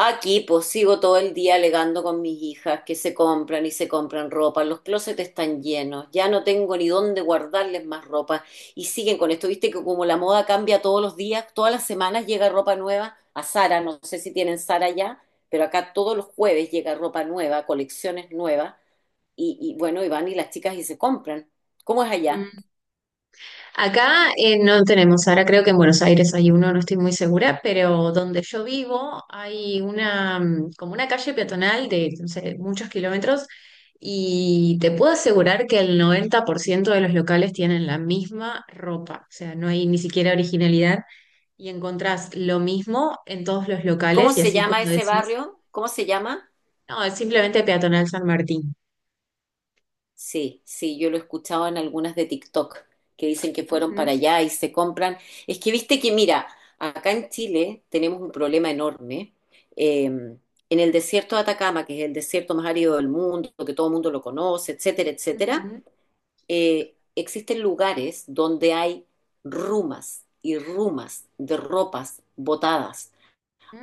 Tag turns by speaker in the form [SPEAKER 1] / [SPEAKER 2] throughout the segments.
[SPEAKER 1] Aquí pues sigo todo el día alegando con mis hijas que se compran y se compran ropa, los closets están llenos, ya no tengo ni dónde guardarles más ropa y siguen con esto, viste que como la moda cambia todos los días, todas las semanas llega ropa nueva a Sara, no sé si tienen Sara ya, pero acá todos los jueves llega ropa nueva, colecciones nuevas y bueno, y van y las chicas y se compran. ¿Cómo es allá?
[SPEAKER 2] Mm. Acá no tenemos, ahora creo que en Buenos Aires hay uno, no estoy muy segura, pero donde yo vivo hay una, como una calle peatonal de, no sé, muchos kilómetros y te puedo asegurar que el 90% de los locales tienen la misma ropa, o sea, no hay ni siquiera originalidad y encontrás lo mismo en todos los
[SPEAKER 1] ¿Cómo
[SPEAKER 2] locales y
[SPEAKER 1] se
[SPEAKER 2] así
[SPEAKER 1] llama
[SPEAKER 2] como
[SPEAKER 1] ese
[SPEAKER 2] decís,
[SPEAKER 1] barrio? ¿Cómo se llama?
[SPEAKER 2] no, es simplemente peatonal San Martín.
[SPEAKER 1] Sí, sí, yo lo he escuchado en algunas de TikTok que dicen que fueron
[SPEAKER 2] Ujú,
[SPEAKER 1] para allá y se compran. Es que viste que, mira, acá en Chile tenemos un problema enorme. En el desierto de Atacama, que es el desierto más árido del mundo, que todo el mundo lo conoce, etcétera, etcétera,
[SPEAKER 2] ujú.
[SPEAKER 1] existen lugares donde hay rumas y rumas de ropas botadas,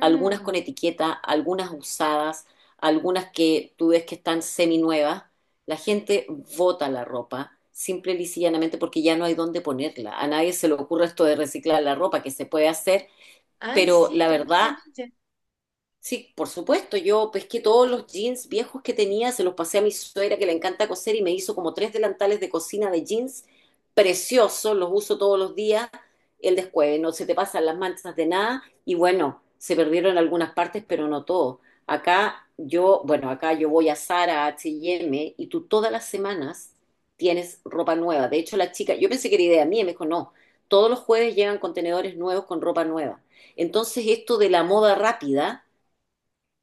[SPEAKER 1] algunas con etiqueta, algunas usadas, algunas que tú ves que están seminuevas. La gente vota la ropa simple y llanamente porque ya no hay dónde ponerla. A nadie se le ocurre esto de reciclar la ropa, que se puede hacer,
[SPEAKER 2] Ay,
[SPEAKER 1] pero
[SPEAKER 2] sí,
[SPEAKER 1] la verdad.
[SPEAKER 2] tranquilamente.
[SPEAKER 1] Sí, por supuesto, yo pesqué todos los jeans viejos que tenía, se los pasé a mi suegra que le encanta coser y me hizo como tres delantales de cocina de jeans preciosos, los uso todos los días, el descueve, no se te pasan las manchas de nada y bueno, se perdieron algunas partes, pero no todo. Acá yo, bueno, acá yo voy a Zara, a H&M y tú todas las semanas tienes ropa nueva. De hecho, la chica, yo pensé que era idea mía y me dijo, no, todos los jueves llegan contenedores nuevos con ropa nueva. Entonces, esto de la moda rápida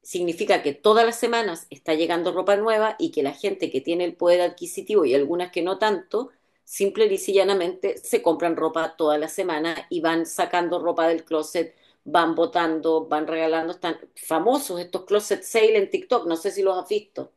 [SPEAKER 1] significa que todas las semanas está llegando ropa nueva y que la gente que tiene el poder adquisitivo y algunas que no tanto, simple y llanamente se compran ropa toda la semana y van sacando ropa del closet, van botando, van regalando. Están famosos estos closet sale en TikTok, no sé si los has visto.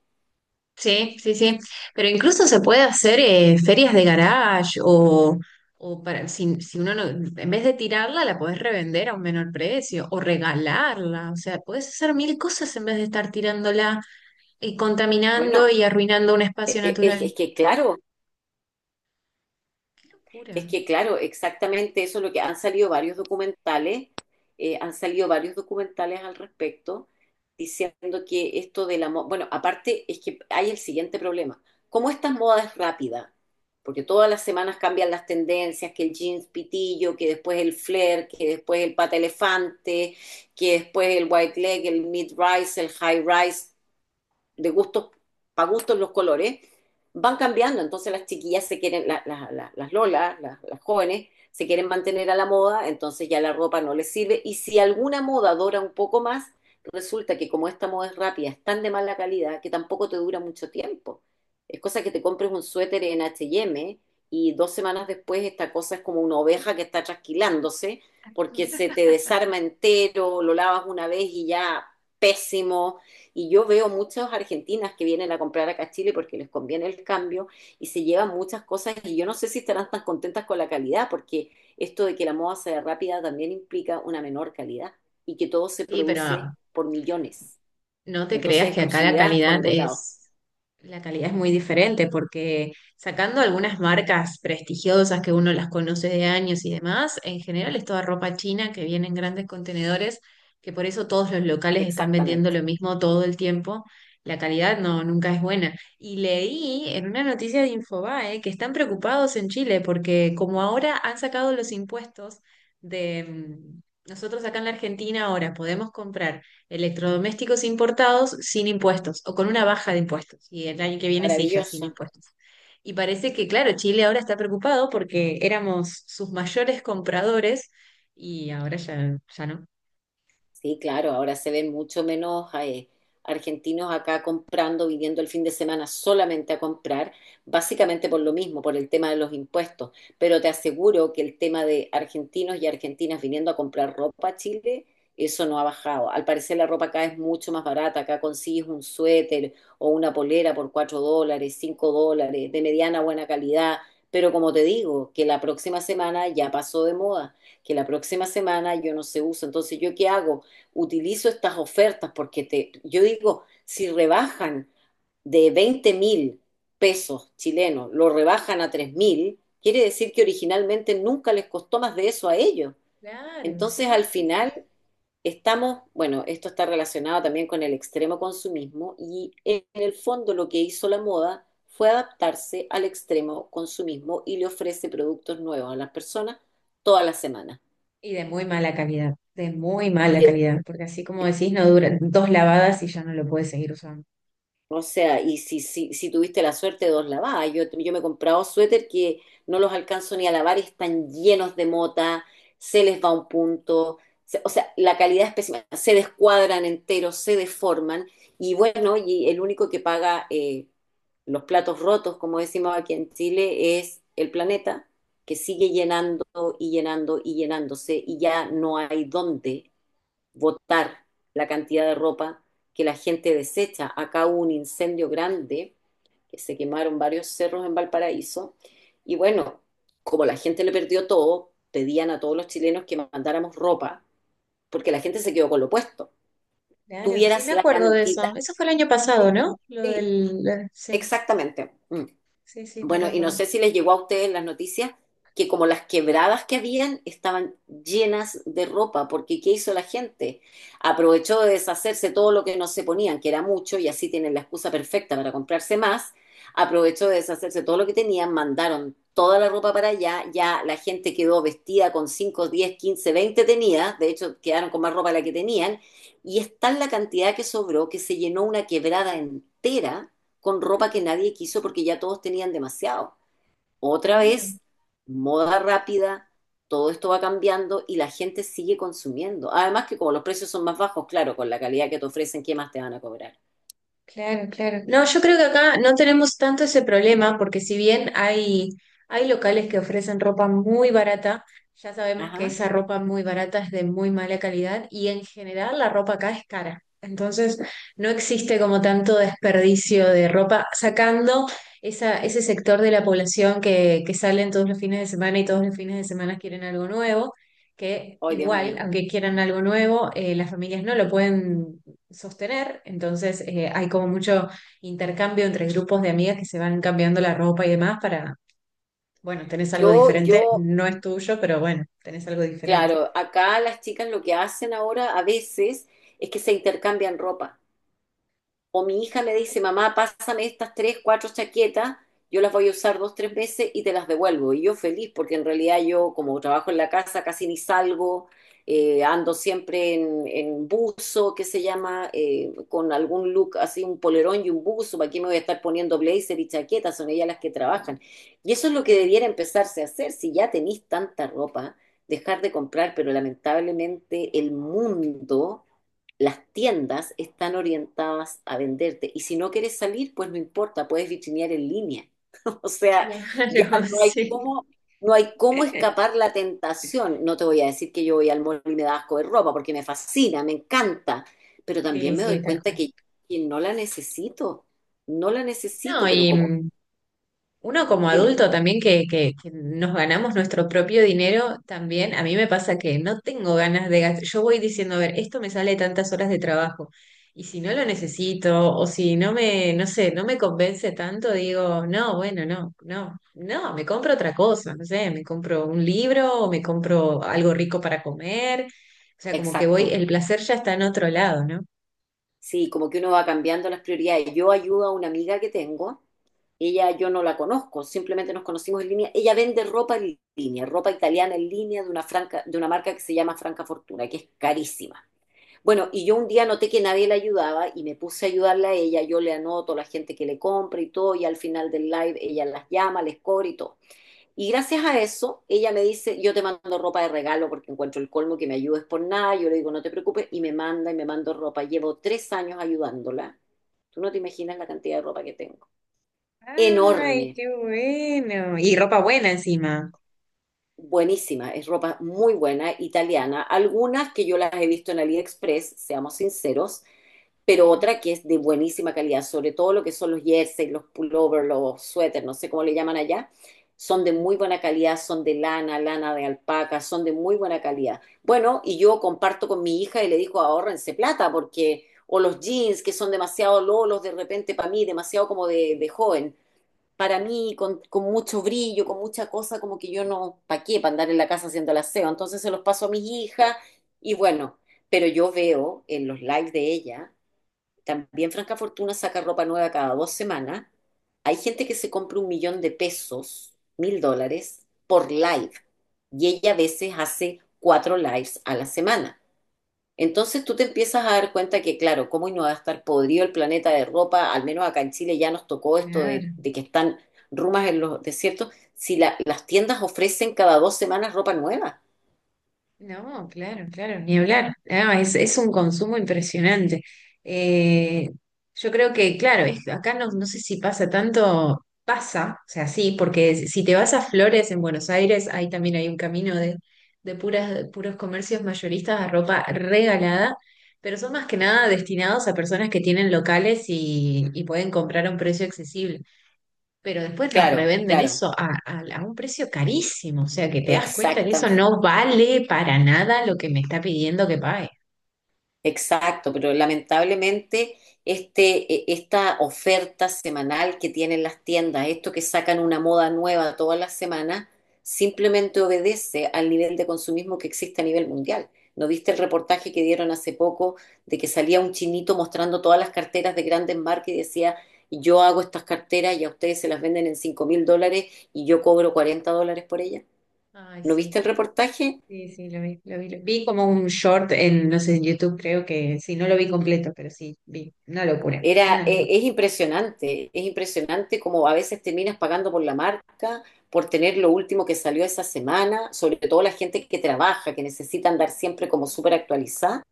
[SPEAKER 2] Sí, sí, sí. Pero incluso se puede hacer ferias de garage o para, si, si uno no, en vez de tirarla, la podés revender a un menor precio o regalarla. O sea, podés hacer mil cosas en vez de estar tirándola y
[SPEAKER 1] Bueno,
[SPEAKER 2] contaminando y arruinando un
[SPEAKER 1] e-
[SPEAKER 2] espacio
[SPEAKER 1] e- es,
[SPEAKER 2] natural.
[SPEAKER 1] es que claro.
[SPEAKER 2] Qué
[SPEAKER 1] Es
[SPEAKER 2] locura.
[SPEAKER 1] que, claro, exactamente eso es lo que han salido varios documentales, han salido varios documentales al respecto, diciendo que esto de la moda, bueno, aparte es que hay el siguiente problema. Como estas modas es rápida, porque todas las semanas cambian las tendencias, que el jeans pitillo, que después el flare, que después el pata elefante, que después el white leg, el mid rise, el high rise, de gustos, para gustos los colores, van cambiando. Entonces las chiquillas se quieren, las lolas, las jóvenes, se quieren mantener a la moda, entonces ya la ropa no les sirve. Y si alguna moda dura un poco más, resulta que como esta moda es rápida, es tan de mala calidad que tampoco te dura mucho tiempo. Es cosa que te compres un suéter en H&M y eme y dos semanas después esta cosa es como una oveja que está trasquilándose porque se te desarma entero, lo lavas una vez y ya pésimo. Y yo veo muchas argentinas que vienen a comprar acá a Chile porque les conviene el cambio y se llevan muchas cosas y yo no sé si estarán tan contentas con la calidad porque esto de que la moda sea rápida también implica una menor calidad y que todo se
[SPEAKER 2] Sí,
[SPEAKER 1] produce
[SPEAKER 2] pero
[SPEAKER 1] por millones.
[SPEAKER 2] no te
[SPEAKER 1] Entonces,
[SPEAKER 2] creas que acá
[SPEAKER 1] exclusividad por ningún lado.
[SPEAKER 2] la calidad es muy diferente, porque sacando algunas marcas prestigiosas que uno las conoce de años y demás, en general es toda ropa china que viene en grandes contenedores, que por eso todos los locales están vendiendo lo
[SPEAKER 1] Exactamente.
[SPEAKER 2] mismo todo el tiempo. La calidad no, nunca es buena. Y leí en una noticia de Infobae que están preocupados en Chile porque como ahora han sacado los impuestos de nosotros acá en la Argentina ahora podemos comprar electrodomésticos importados sin impuestos o con una baja de impuestos. Y el año que viene sí, ya sin
[SPEAKER 1] Maravilloso.
[SPEAKER 2] impuestos. Y parece que, claro, Chile ahora está preocupado porque éramos sus mayores compradores y ahora ya, ya no.
[SPEAKER 1] Sí, claro, ahora se ven mucho menos argentinos acá comprando, viniendo el fin de semana solamente a comprar, básicamente por lo mismo, por el tema de los impuestos. Pero te aseguro que el tema de argentinos y argentinas viniendo a comprar ropa a Chile, eso no ha bajado. Al parecer la ropa acá es mucho más barata, acá consigues un suéter o una polera por $4, $5, de mediana buena calidad. Pero como te digo, que la próxima semana ya pasó de moda, que la próxima semana yo no se uso. Entonces, ¿yo qué hago? Utilizo estas ofertas porque te, yo digo, si rebajan de 20.000 pesos chilenos, lo rebajan a 3.000, quiere decir que originalmente nunca les costó más de eso a ellos.
[SPEAKER 2] Claro,
[SPEAKER 1] Entonces,
[SPEAKER 2] sí,
[SPEAKER 1] al
[SPEAKER 2] sí, sí.
[SPEAKER 1] final, estamos, bueno, esto está relacionado también con el extremo consumismo y en el fondo lo que hizo la moda fue adaptarse al extremo consumismo y le ofrece productos nuevos a las personas todas las semanas,
[SPEAKER 2] Y de muy mala calidad, de muy mala
[SPEAKER 1] de.
[SPEAKER 2] calidad, porque así como decís, no duran dos lavadas y ya no lo puedes seguir usando.
[SPEAKER 1] O sea, y si tuviste la suerte, de dos lavadas. Yo me he comprado suéter que no los alcanzo ni a lavar, y están llenos de mota, se les va un punto, o sea, la calidad es pésima, se descuadran enteros, se deforman, y bueno, y el único que paga los platos rotos, como decimos aquí en Chile, es el planeta, que sigue llenando y llenando y llenándose, y ya no hay dónde votar la cantidad de ropa que la gente desecha. Acá hubo un incendio grande, que se quemaron varios cerros en Valparaíso, y bueno, como la gente le perdió todo, pedían a todos los chilenos que mandáramos ropa, porque la gente se quedó con lo puesto.
[SPEAKER 2] Claro, sí, me
[SPEAKER 1] Tuvieras la
[SPEAKER 2] acuerdo de
[SPEAKER 1] cantidad,
[SPEAKER 2] eso. Eso fue el año pasado,
[SPEAKER 1] sí,
[SPEAKER 2] ¿no?
[SPEAKER 1] sí,
[SPEAKER 2] Sí,
[SPEAKER 1] exactamente. Mm.
[SPEAKER 2] sí, sí, me
[SPEAKER 1] Bueno, y no
[SPEAKER 2] recuerdo.
[SPEAKER 1] sé si les llegó a ustedes las noticias que como las quebradas que habían estaban llenas de ropa, porque ¿qué hizo la gente? Aprovechó de deshacerse todo lo que no se ponían, que era mucho, y así tienen la excusa perfecta para comprarse más. Aprovechó de deshacerse todo lo que tenían, mandaron toda la ropa para allá, ya la gente quedó vestida con 5, 10, 15, 20 tenía, de hecho quedaron con más ropa de la que tenían, y es tal la cantidad que sobró que se llenó una quebrada entera con ropa
[SPEAKER 2] Mm.
[SPEAKER 1] que nadie quiso porque ya todos tenían demasiado. Otra
[SPEAKER 2] Claro.
[SPEAKER 1] vez, moda rápida, todo esto va cambiando y la gente sigue consumiendo. Además que como los precios son más bajos, claro, con la calidad que te ofrecen, ¿qué más te van a cobrar?
[SPEAKER 2] Claro, claro. No, yo creo que acá no tenemos tanto ese problema porque si bien hay, hay locales que ofrecen ropa muy barata, ya sabemos que
[SPEAKER 1] Ajá.
[SPEAKER 2] esa ropa muy barata es de muy mala calidad y en general la ropa acá es cara. Entonces no existe como tanto desperdicio de ropa, sacando esa, ese sector de la población que salen todos los fines de semana y todos los fines de semana quieren algo nuevo, que
[SPEAKER 1] Ay, Dios
[SPEAKER 2] igual,
[SPEAKER 1] mío.
[SPEAKER 2] aunque quieran algo nuevo, las familias no lo pueden sostener, entonces hay como mucho intercambio entre grupos de amigas que se van cambiando la ropa y demás para, bueno, tenés algo
[SPEAKER 1] Yo,
[SPEAKER 2] diferente,
[SPEAKER 1] yo,
[SPEAKER 2] no es tuyo, pero bueno, tenés algo diferente.
[SPEAKER 1] claro, acá las chicas lo que hacen ahora a veces es que se intercambian ropa. O mi hija me
[SPEAKER 2] Ujú.
[SPEAKER 1] dice, mamá, pásame estas tres, cuatro chaquetas, yo las voy a usar dos, tres veces y te las devuelvo. Y yo feliz, porque en realidad yo como trabajo en la casa casi ni salgo, ando siempre en, buzo, que se llama, con algún look así, un polerón y un buzo. ¿Para qué me voy a estar poniendo blazer y chaquetas? Son ellas las que trabajan. Y eso es lo que
[SPEAKER 2] Claro.
[SPEAKER 1] debiera empezarse a hacer, si ya tenéis tanta ropa, dejar de comprar, pero lamentablemente el mundo, las tiendas están orientadas a venderte. Y si no quieres salir, pues no importa, puedes vitrinear en línea. O sea, ya
[SPEAKER 2] Claro,
[SPEAKER 1] no hay
[SPEAKER 2] sí.
[SPEAKER 1] cómo, no hay cómo escapar la tentación. No te voy a decir que yo voy al mall y me da asco de ropa, porque me fascina, me encanta. Pero
[SPEAKER 2] Sí,
[SPEAKER 1] también me
[SPEAKER 2] sí,
[SPEAKER 1] doy
[SPEAKER 2] tal
[SPEAKER 1] cuenta
[SPEAKER 2] cual.
[SPEAKER 1] que no la necesito. No la
[SPEAKER 2] No,
[SPEAKER 1] necesito, pero como,
[SPEAKER 2] uno como
[SPEAKER 1] dime,
[SPEAKER 2] adulto también que, que nos ganamos nuestro propio dinero, también a mí me pasa que no tengo ganas de gastar. Yo voy diciendo, a ver, esto me sale tantas horas de trabajo y si no lo necesito o si no me, no sé, no me convence tanto, digo, no, bueno, no, no, no, me compro otra cosa, no sé, me compro un libro o me compro algo rico para comer. O sea, como que voy,
[SPEAKER 1] exacto.
[SPEAKER 2] el placer ya está en otro lado, ¿no?
[SPEAKER 1] Sí, como que uno va cambiando las prioridades. Yo ayudo a una amiga que tengo, ella yo no la conozco, simplemente nos conocimos en línea. Ella vende ropa en línea, ropa italiana en línea de una marca que se llama Franca Fortuna, que es carísima. Bueno, y yo un día noté que nadie la ayudaba y me puse a ayudarla a ella, yo le anoto a la gente que le compra y todo, y al final del live ella las llama, les cobra y todo. Y gracias a eso, ella me dice, yo te mando ropa de regalo porque encuentro el colmo que me ayudes por nada, yo le digo, no te preocupes, y me manda y me mando ropa. Llevo 3 años ayudándola. Tú no te imaginas la cantidad de ropa que tengo.
[SPEAKER 2] Ay,
[SPEAKER 1] Enorme,
[SPEAKER 2] qué bueno. Y ropa buena encima.
[SPEAKER 1] buenísima, es ropa muy buena, italiana. Algunas que yo las he visto en AliExpress, seamos sinceros, pero
[SPEAKER 2] Ujú,
[SPEAKER 1] otra que es de buenísima calidad, sobre todo lo que son los jerseys, los pullovers, los suéteres, no sé cómo le llaman allá, son de
[SPEAKER 2] ujú.
[SPEAKER 1] muy buena calidad, son de lana, lana de alpaca, son de muy buena calidad. Bueno, y yo comparto con mi hija y le digo, ahorrense plata, porque, o los jeans que son demasiado lolos de repente para mí, demasiado como de, joven. Para mí, con mucho brillo, con mucha cosa, como que yo no, ¿para qué? Para andar en la casa haciendo el aseo. Entonces se los paso a mis hijas y bueno, pero yo veo en los lives de ella, también Franca Fortuna saca ropa nueva cada 2 semanas. Hay gente que se compra 1.000.000 de pesos, 1.000 dólares, por live. Y ella a veces hace cuatro lives a la semana. Entonces tú te empiezas a dar cuenta que, claro, cómo no va a estar podrido el planeta de ropa, al menos acá en Chile ya nos tocó esto
[SPEAKER 2] Claro.
[SPEAKER 1] de que están rumas en los desiertos, si las tiendas ofrecen cada 2 semanas ropa nueva.
[SPEAKER 2] No, claro, claro, ni hablar. No, es un consumo impresionante. Eh, yo creo que, claro, acá no, no sé si pasa tanto, pasa, o sea, sí, porque si si te vas a Flores en Buenos Aires, ahí también hay un camino de puras, de puros comercios mayoristas a ropa regalada, pero son más que nada destinados a personas que tienen locales y pueden comprar a un precio accesible pero después los
[SPEAKER 1] Claro,
[SPEAKER 2] revenden
[SPEAKER 1] claro,
[SPEAKER 2] eso a, a un precio carísimo, o sea que te das cuenta que eso
[SPEAKER 1] exactamente.
[SPEAKER 2] no vale para nada lo que me está pidiendo que pague.
[SPEAKER 1] Exacto, pero lamentablemente esta oferta semanal que tienen las tiendas, esto que sacan una moda nueva todas las semanas, simplemente obedece al nivel de consumismo que existe a nivel mundial. ¿No viste el reportaje que dieron hace poco de que salía un chinito mostrando todas las carteras de grandes marcas y decía, yo hago estas carteras y a ustedes se las venden en $5.000 y yo cobro $40 por ellas?
[SPEAKER 2] Ay,
[SPEAKER 1] ¿No
[SPEAKER 2] sí,
[SPEAKER 1] viste el reportaje?
[SPEAKER 2] sí, sí, lo vi, lo vi. Vi como un short en, no sé, en YouTube creo que, sí, no lo vi completo, pero sí, vi. Una locura, una locura.
[SPEAKER 1] Es impresionante, es impresionante como a veces terminas pagando por la marca, por tener lo último que salió esa semana, sobre todo la gente que trabaja, que necesita andar siempre como súper actualizada,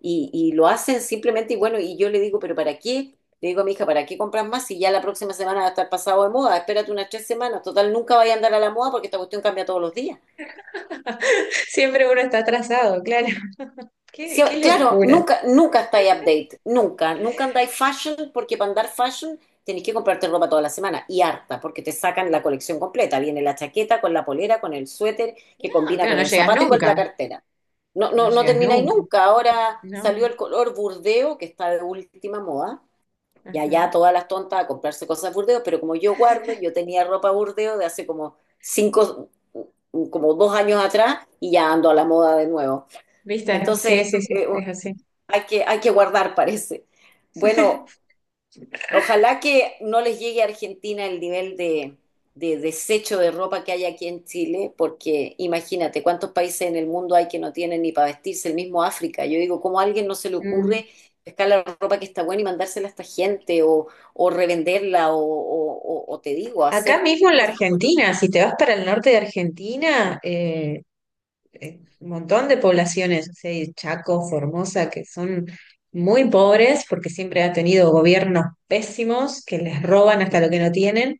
[SPEAKER 1] y, lo hacen simplemente, y bueno, y yo le digo, pero ¿para qué? Le digo a mi hija, ¿para qué compras más si ya la próxima semana va a estar pasado de moda? Espérate unas 3 semanas, total, nunca vaya a andar a la moda porque esta cuestión cambia todos los días.
[SPEAKER 2] Siempre uno está atrasado, claro. Qué,
[SPEAKER 1] Sí,
[SPEAKER 2] qué
[SPEAKER 1] claro,
[SPEAKER 2] locura.
[SPEAKER 1] nunca, nunca estáis update, nunca, nunca andáis fashion, porque para andar fashion tenéis que comprarte ropa toda la semana y harta, porque te sacan la colección completa. Viene la chaqueta con la polera, con el suéter que
[SPEAKER 2] No,
[SPEAKER 1] combina
[SPEAKER 2] claro,
[SPEAKER 1] con
[SPEAKER 2] no
[SPEAKER 1] el
[SPEAKER 2] llegas
[SPEAKER 1] zapato y con la
[SPEAKER 2] nunca,
[SPEAKER 1] cartera. No,
[SPEAKER 2] no
[SPEAKER 1] no, no
[SPEAKER 2] llegas
[SPEAKER 1] termináis
[SPEAKER 2] nunca,
[SPEAKER 1] nunca. Ahora
[SPEAKER 2] no.
[SPEAKER 1] salió el color burdeo, que está de última moda, y allá
[SPEAKER 2] Ajá.
[SPEAKER 1] todas las tontas a comprarse cosas burdeo, pero como yo guardo, yo tenía ropa burdeo de hace como cinco, como 2 años atrás y ya ando a la moda de nuevo.
[SPEAKER 2] ¿Viste?
[SPEAKER 1] Entonces,
[SPEAKER 2] Sí, sí, sí,
[SPEAKER 1] eh,
[SPEAKER 2] es así.
[SPEAKER 1] hay que guardar, parece. Bueno, ojalá que no les llegue a Argentina el nivel de, desecho de ropa que hay aquí en Chile, porque imagínate cuántos países en el mundo hay que no tienen ni para vestirse, el mismo África. Yo digo, ¿cómo a alguien no se le
[SPEAKER 2] Mm.
[SPEAKER 1] ocurre pescar la ropa que está buena y mandársela a esta gente o, revenderla o, o te digo,
[SPEAKER 2] Acá
[SPEAKER 1] hacer
[SPEAKER 2] mismo en la
[SPEAKER 1] cosas bonitas?
[SPEAKER 2] Argentina, si te vas para el norte de Argentina, un montón de poblaciones, o sea, y Chaco, Formosa, que son muy pobres porque siempre ha tenido gobiernos pésimos que les roban hasta lo que no tienen.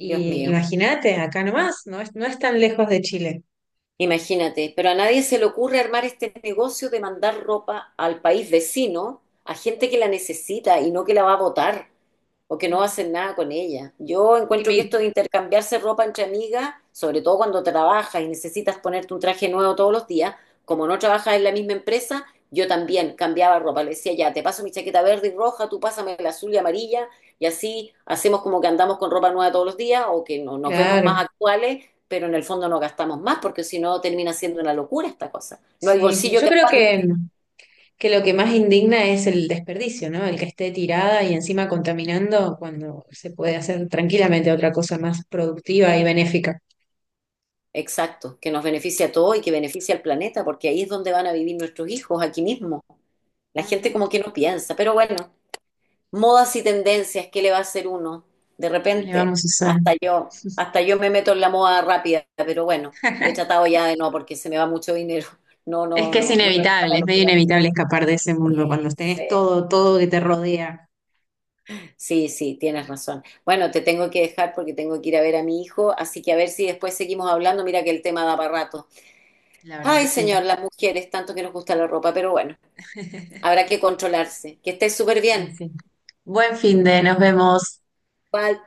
[SPEAKER 1] Dios mío.
[SPEAKER 2] imagínate, acá nomás, no es, no es tan lejos de Chile.
[SPEAKER 1] Imagínate, pero a nadie se le ocurre armar este negocio de mandar ropa al país vecino a gente que la necesita y no que la va a botar o que no
[SPEAKER 2] Mm.
[SPEAKER 1] hacen nada con ella. Yo
[SPEAKER 2] Y
[SPEAKER 1] encuentro que
[SPEAKER 2] me-
[SPEAKER 1] esto de intercambiarse ropa entre amigas, sobre todo cuando trabajas y necesitas ponerte un traje nuevo todos los días, como no trabajas en la misma empresa, yo también cambiaba ropa. Le decía, ya, te paso mi chaqueta verde y roja, tú pásame la azul y amarilla, y así hacemos como que andamos con ropa nueva todos los días o que no, nos vemos
[SPEAKER 2] claro,
[SPEAKER 1] más actuales, pero en el fondo no gastamos más, porque si no termina siendo una locura esta cosa. No hay
[SPEAKER 2] sí, sí,
[SPEAKER 1] bolsillo
[SPEAKER 2] yo
[SPEAKER 1] que
[SPEAKER 2] creo
[SPEAKER 1] aguante.
[SPEAKER 2] que lo que más indigna es el desperdicio, ¿no? El que esté tirada y encima contaminando cuando se puede hacer tranquilamente otra cosa más productiva y benéfica.
[SPEAKER 1] Exacto, que nos beneficia a todos y que beneficia al planeta, porque ahí es donde van a vivir nuestros hijos, aquí mismo. La gente
[SPEAKER 2] Ujú.
[SPEAKER 1] como que no piensa, pero bueno, modas y tendencias, ¿qué le va a hacer uno? De
[SPEAKER 2] ¿Qué le
[SPEAKER 1] repente,
[SPEAKER 2] vamos a hacer?
[SPEAKER 1] hasta yo me meto en la moda rápida, pero bueno, he tratado ya de no, porque se me va mucho dinero. No,
[SPEAKER 2] Es
[SPEAKER 1] no,
[SPEAKER 2] que es
[SPEAKER 1] no, no me paga
[SPEAKER 2] inevitable, es
[SPEAKER 1] lo que
[SPEAKER 2] medio
[SPEAKER 1] gasto.
[SPEAKER 2] inevitable escapar de ese mundo cuando
[SPEAKER 1] Sí,
[SPEAKER 2] tenés todo, todo que te rodea.
[SPEAKER 1] sí, sí, tienes razón. Bueno, te tengo que dejar porque tengo que ir a ver a mi hijo, así que a ver si después seguimos hablando. Mira que el tema da para rato.
[SPEAKER 2] La verdad
[SPEAKER 1] Ay,
[SPEAKER 2] que sí.
[SPEAKER 1] señor, las mujeres, tanto que nos gusta la ropa, pero bueno, habrá que controlarse. Que estés súper
[SPEAKER 2] Y
[SPEAKER 1] bien.
[SPEAKER 2] sí. Buen fin de, nos vemos.
[SPEAKER 1] Bye.